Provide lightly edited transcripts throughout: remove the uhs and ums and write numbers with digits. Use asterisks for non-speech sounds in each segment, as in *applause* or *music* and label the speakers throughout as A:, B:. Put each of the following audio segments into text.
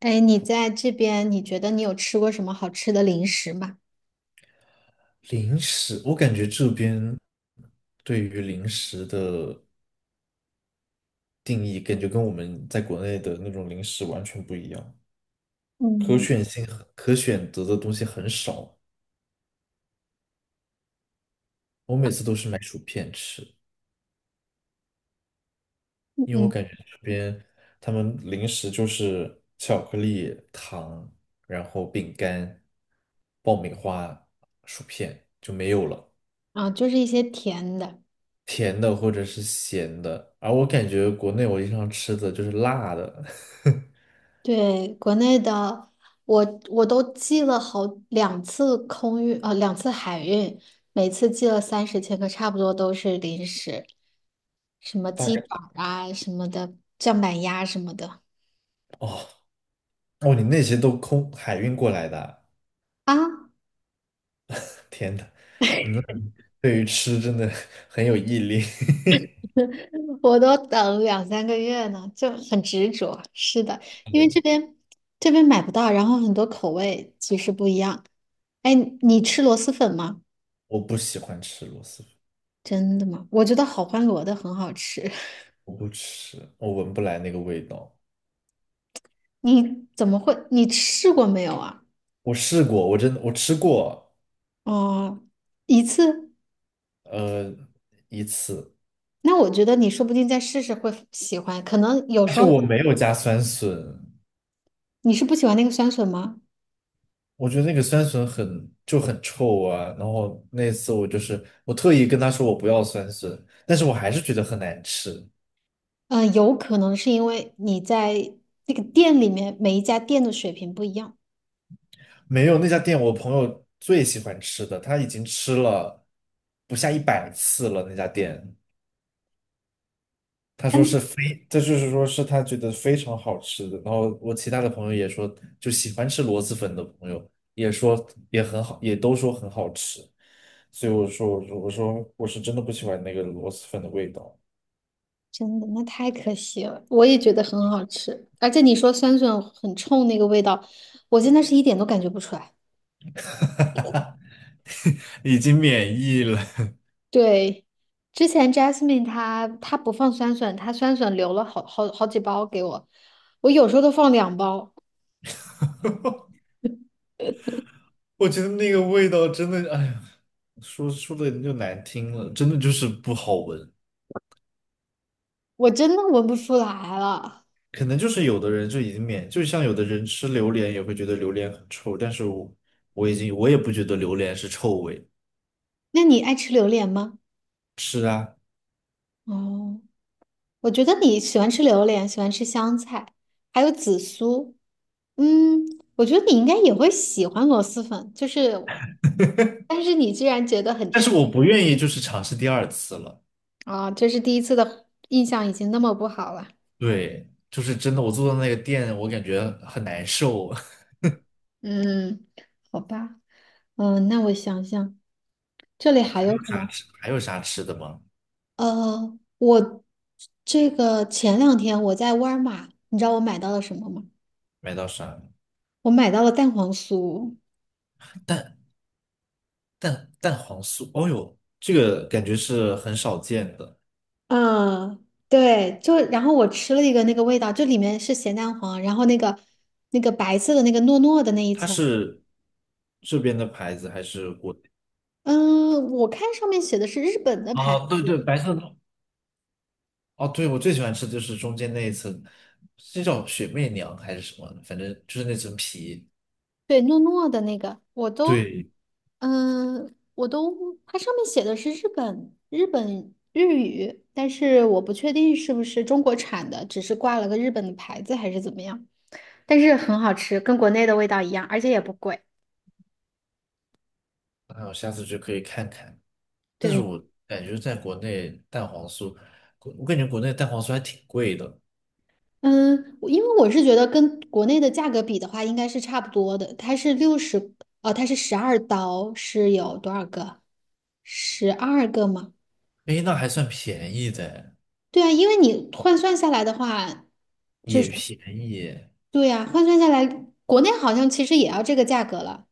A: 哎，你在这边，你觉得你有吃过什么好吃的零食吗？
B: 零食，我感觉这边对于零食的定义，感觉跟我们在国内的那种零食完全不一样，
A: 嗯
B: 可选择的东西很少。我每次都是买薯片吃，
A: 嗯，
B: 因为我
A: 嗯
B: 感觉这边他们零食就是巧克力、糖，然后饼干、爆米花、薯片就没有了，
A: 啊，就是一些甜的。
B: 甜的或者是咸的。而我感觉国内我经常吃的就是辣的。*laughs*
A: 对，国内的，我都寄了好两次空运，两次海运，每次寄了30千克，差不多都是零食，什么
B: 大
A: 鸡
B: 概。
A: 爪啊什么的，酱板鸭什么的。
B: 哦哦，你那些都空海运过来的啊。
A: 啊，
B: 天呐，那对于吃真的很有毅力。*laughs*
A: *laughs* 我都等两三个月呢，就很执着。是的，因为这
B: 嗯
A: 边这边买不到，然后很多口味其实不一样。哎，你吃螺蛳粉吗？
B: 我不喜欢吃螺蛳粉。
A: 真的吗？我觉得好欢螺的很好吃。*laughs*
B: 我不吃，我闻不来那个味道。
A: 你怎么会？你试过没有啊？
B: 我试过，我真的，我吃过。
A: 哦，一次？
B: 呃，一次。
A: 那我觉得你说不定再试试会喜欢。可能有
B: 而
A: 时
B: 且
A: 候
B: 我没有加酸笋。
A: 你是不喜欢那个酸笋吗？
B: 我觉得那个酸笋就很臭啊。然后那次我特意跟他说我不要酸笋，但是我还是觉得很难吃。
A: 嗯、有可能是因为你在那个店里面每一家店的水平不一样。
B: 没有，那家店，我朋友最喜欢吃的，他已经吃了不下100次了。那家店，他说是非，这就是说是他觉得非常好吃的。然后我其他的朋友也说，就喜欢吃螺蛳粉的朋友也说也很好，也都说很好吃。所以我说我是真的不喜欢那个螺蛳粉的味道。
A: 真的，那太可惜了。我也觉得很好吃，而且你说酸笋很冲那个味道，我真的是一点都感觉不出来。
B: *laughs* 已经免疫了。
A: 对，之前 Jasmine 她不放酸笋，她酸笋留了好几包给我，我有时候都放两包，
B: 我觉得那个味道真的，哎呀，说说的就难听了，真的就是不好闻。
A: 我真的闻不出来了。
B: 可能就是有的人就已经免，就像有的人吃榴莲也会觉得榴莲很臭，但是我我已经我也不觉得榴莲是臭味。
A: 那你爱吃榴莲吗？
B: 是啊。
A: 哦，我觉得你喜欢吃榴莲，喜欢吃香菜，还有紫苏。嗯，我觉得你应该也会喜欢螺蛳粉，就是，但是你居然觉得很
B: 但
A: 臭。
B: 是我不愿意就是尝试第二次了。
A: 啊，这是第一次的印象已经那么不好了。
B: 对，就是真的，我坐到那个店，我感觉很难受。*laughs*
A: 嗯，好吧。嗯，那我想想，这里还有
B: 有
A: 什
B: 啥
A: 么？
B: 吃？还有啥吃的吗？
A: 我这个前两天我在沃尔玛，你知道我买到了什么吗？
B: 买到啥？
A: 我买到了蛋黄酥。
B: 蛋蛋黄酥，哦呦，这个感觉是很少见的。
A: 嗯，对，就然后我吃了一个那个味道，就里面是咸蛋黄，然后那个白色的那个糯糯的那一
B: 它
A: 层。
B: 是这边的牌子还是国内？
A: 嗯，我看上面写的是日本的牌。
B: 啊，对对，白色的。哦，对，我最喜欢吃的就是中间那一层，这叫雪媚娘还是什么？反正就是那层皮。
A: 对，诺诺的那个，我都，
B: 对，
A: 我都，它上面写的是日本日语，但是我不确定是不是中国产的，只是挂了个日本的牌子还是怎么样。但是很好吃，跟国内的味道一样，而且也不贵。
B: 那我下次就可以看看。但是
A: 对，
B: 我感觉在国内蛋黄酥，我感觉国内蛋黄酥还挺贵的。
A: 嗯，我因为我是觉得跟国内的价格比的话，应该是差不多的。它是60，哦，它是12刀，是有多少个？12个吗？
B: 诶，那还算便宜的，
A: 对啊，因为你换算下来的话。就
B: 也
A: 是。
B: 便宜耶。
A: 对呀，换算下来，国内好像其实也要这个价格了。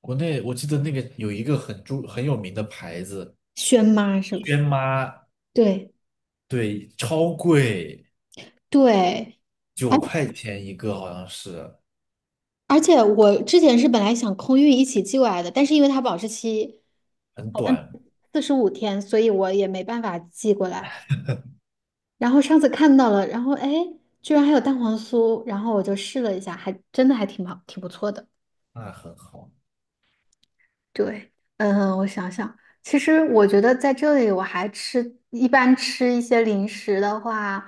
B: 国内我记得那个有一个很有名的牌子。
A: 轩妈是不是？
B: 轩妈，
A: 对
B: 对，超贵，
A: 对，而
B: 九
A: 且
B: 块钱一个好像是。
A: 而且我之前是本来想空运一起寄过来的，但是因为它保质期
B: 很短。
A: 45天，所以我也没办法寄过来。然后上次看到了，然后哎，居然还有蛋黄酥，然后我就试了一下，还真的还挺好，挺不错的。
B: 那很好。
A: 对，嗯，我想想，其实我觉得在这里我还吃，一般吃一些零食的话，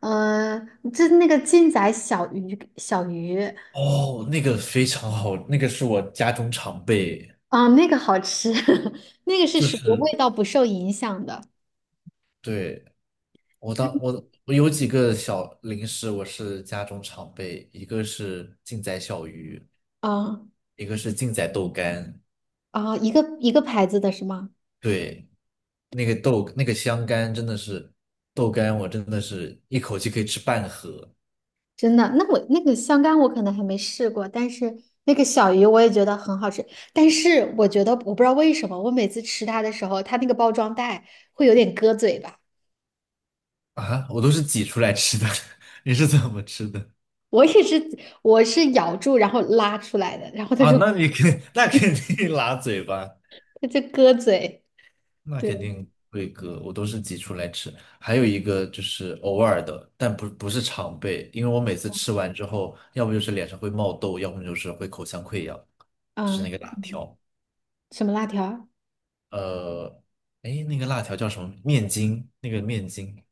A: 嗯，就那个劲仔小鱼，
B: 哦，那个非常好，那个是我家中常备。
A: 啊，那个好吃，*laughs* 那个是
B: 就
A: 属于
B: 是，
A: 味道不受影响的，
B: 对，我当我我有几个小零食，我是家中常备，一个是劲仔小鱼，
A: 啊
B: 一个是劲仔豆干。
A: 啊，一个一个牌子的是吗？
B: 对，那个豆那个香干真的是豆干，我真的是一口气可以吃半盒
A: 真的，那我那个香干我可能还没试过，但是那个小鱼我也觉得很好吃，但是我觉得我不知道为什么，我每次吃它的时候，它那个包装袋会有点割嘴巴。
B: 啊。我都是挤出来吃的。*laughs* 你是怎么吃的
A: 我也是，我是咬住然后拉出来的，然后它
B: 啊？
A: 就
B: 那肯定拉嘴巴。
A: 它就割嘴。
B: 那
A: 对，
B: 肯定会割，我都是挤出来吃。还有一个就是偶尔的，但不是常备，因为我每次吃完之后，要不就是脸上会冒痘，要不就是会口腔溃疡，就是
A: 嗯，
B: 那个辣条。
A: 什么辣条？
B: 呃，哎，那个辣条叫什么？面筋，那个面筋，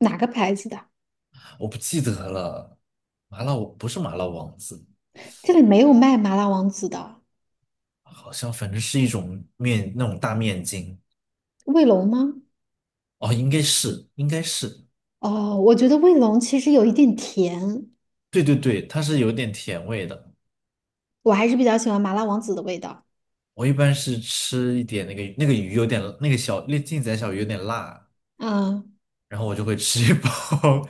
A: 哪个牌子的？
B: 我不记得了。不是麻辣王子，
A: 这里没有卖麻辣王子的，
B: 好像反正是一种面，那种大面筋。
A: 卫龙吗？
B: 哦，应该是，应该是。
A: 哦，我觉得卫龙其实有一点甜，
B: 对对对，它是有点甜味的。
A: 我还是比较喜欢麻辣王子的味道。
B: 我一般是吃一点那个鱼有点那个小那劲仔小鱼有点辣，
A: 嗯，
B: 然后我就会吃一包。 *laughs*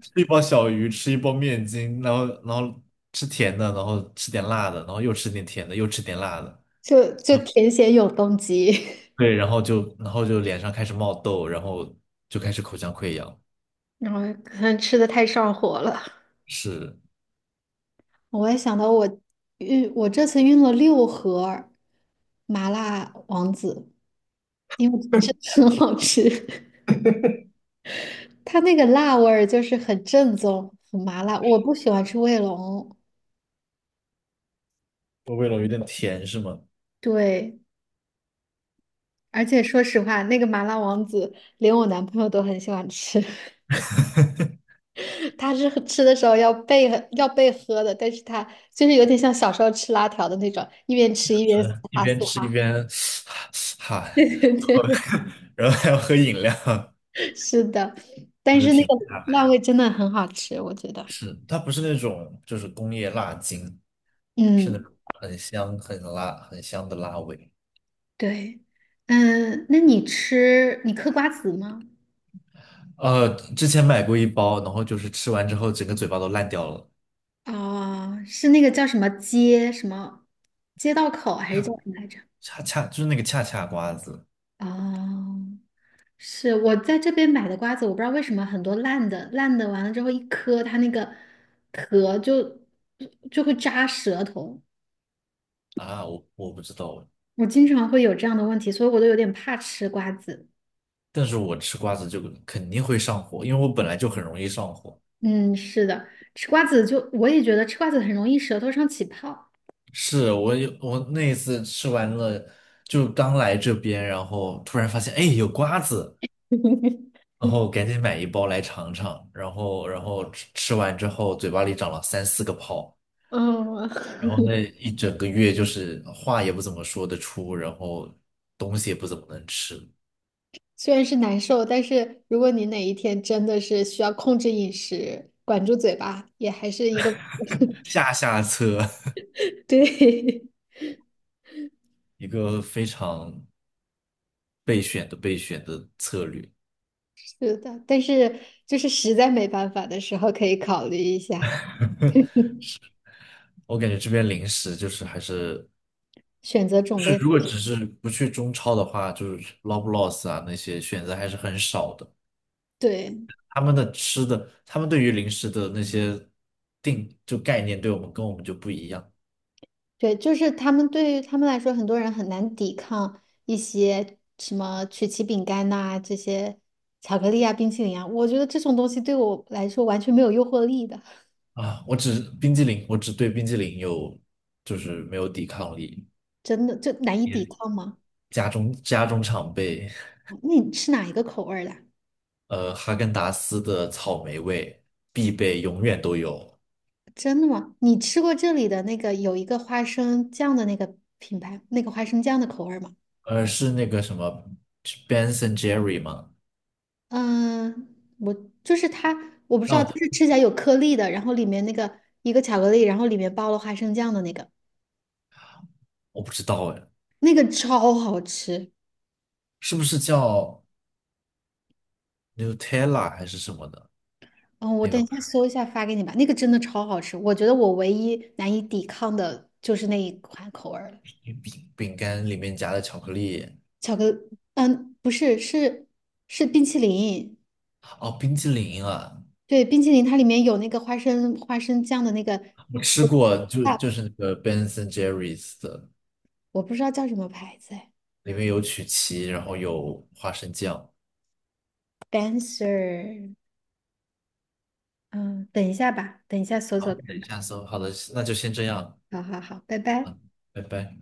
B: 吃一包小鱼，吃一包面筋，然后吃甜的，然后吃点辣的，然后又吃点甜的，又吃点辣的。
A: 就甜咸永动机，
B: 对，然后就脸上开始冒痘，然后就开始口腔溃疡。
A: *laughs* 然后可能吃的太上火了。
B: 是。
A: 我也想到我这次运了6盒麻辣王子，因为真的很好吃。它那个辣味儿就是很正宗，很麻辣。我不喜欢吃卫龙，
B: 我味道有点甜是吗？
A: 对，而且说实话，那个麻辣王子连我男朋友都很喜欢吃，*laughs* 他是吃的时候要备喝的，但是他就是有点像小时候吃辣条的那种，一边吃一边嘶
B: 是一
A: 哈嘶
B: 边吃一
A: 哈。
B: 边 *sighs* 哈。
A: *laughs* 对
B: 然后
A: 对
B: *laughs* 然后还要喝饮料。
A: 对，是的，但是那个
B: *laughs*
A: 辣味真的很好吃，我觉得。
B: 是，它不是那种就是工业辣精，是那
A: 嗯，
B: 种很香、很辣、很香的辣味。
A: 对，嗯，那你嗑瓜子吗？
B: 呃，之前买过一包，然后就是吃完之后整个嘴巴都烂掉了。
A: 哦，是那个叫什么街什么街道口还是叫
B: 恰
A: 什么来着？
B: 恰恰就是那个恰恰瓜子
A: 哦，是我在这边买的瓜子，我不知道为什么很多烂的，烂的完了之后一磕，它那个壳就就会扎舌头，
B: 啊。我不知道。
A: 我经常会有这样的问题，所以我都有点怕吃瓜子。
B: 但是我吃瓜子就肯定会上火，因为我本来就很容易上火。
A: 嗯，是的，吃瓜子就我也觉得吃瓜子很容易舌头上起泡。
B: 是。我那一次吃完了，就刚来这边，然后突然发现，哎，有瓜子。
A: *laughs*
B: 然后赶紧买一包来尝尝，然后吃完之后嘴巴里长了三四个泡。
A: 嗯，
B: 然后那一整个月就是话也不怎么说得出，然后东西也不怎么能吃。
A: 虽然是难受，但是如果你哪一天真的是需要控制饮食，管住嘴巴，也还是一个，
B: 下下策。
A: *laughs* 对，
B: *laughs* 一个非常备选的策略。
A: *laughs* 是的，但是就是实在没办法的时候，可以考虑一下 *laughs*
B: 我感觉这边零食就是还是
A: 选择种
B: 就是
A: 类。
B: 如果只是不去中超的话，就是 Loblaws 啊那些选择还是很少的。
A: 对，
B: 他们的吃的，他们对于零食的那些概念，对我们跟我们就不一样
A: 对，就是他们对于他们来说，很多人很难抵抗一些什么曲奇饼干呐、这些巧克力啊、冰淇淋啊，我觉得这种东西对我来说完全没有诱惑力的，
B: 啊。我只对冰激凌有，就是没有抵抗力。
A: 真的就难以抵
B: 也
A: 抗吗？
B: 家中常备。
A: 那你吃哪一个口味儿的？
B: 哈根达斯的草莓味必备，永远都有。
A: 真的吗？你吃过这里的那个有一个花生酱的那个品牌，那个花生酱的口味儿吗？
B: 是那个什么，是 Ben and Jerry 吗？
A: 嗯，我就是它，我不知道，就
B: 啊，
A: 是吃起来有颗粒的，然后里面那个一个巧克力，然后里面包了花生酱的那个，
B: 我不知道哎。
A: 那个超好吃。
B: 是不是叫 Nutella 还是什么的
A: 嗯，我
B: 那个
A: 等
B: *laughs*
A: 一下搜
B: 牌
A: 一下发给你吧，那个真的超好吃。我觉得我唯一难以抵抗的就是那一款口味儿了，
B: 饼干里面夹的巧克力？
A: 巧克力嗯，不是，是冰淇淋。
B: 哦，冰激凌啊，
A: 对，冰淇淋它里面有那个花生酱的那个
B: 我吃过，就就
A: 大
B: 是那个 Ben a n Jerry's 的，
A: 我不知道叫什么牌子哎。
B: 里面有曲奇，然后有花生酱。
A: Dancer,嗯，等一下吧，等一下搜搜
B: 好，等一
A: 看。
B: 下搜。好的，那就先这样。
A: 好好好，拜拜。
B: 嗯，拜拜。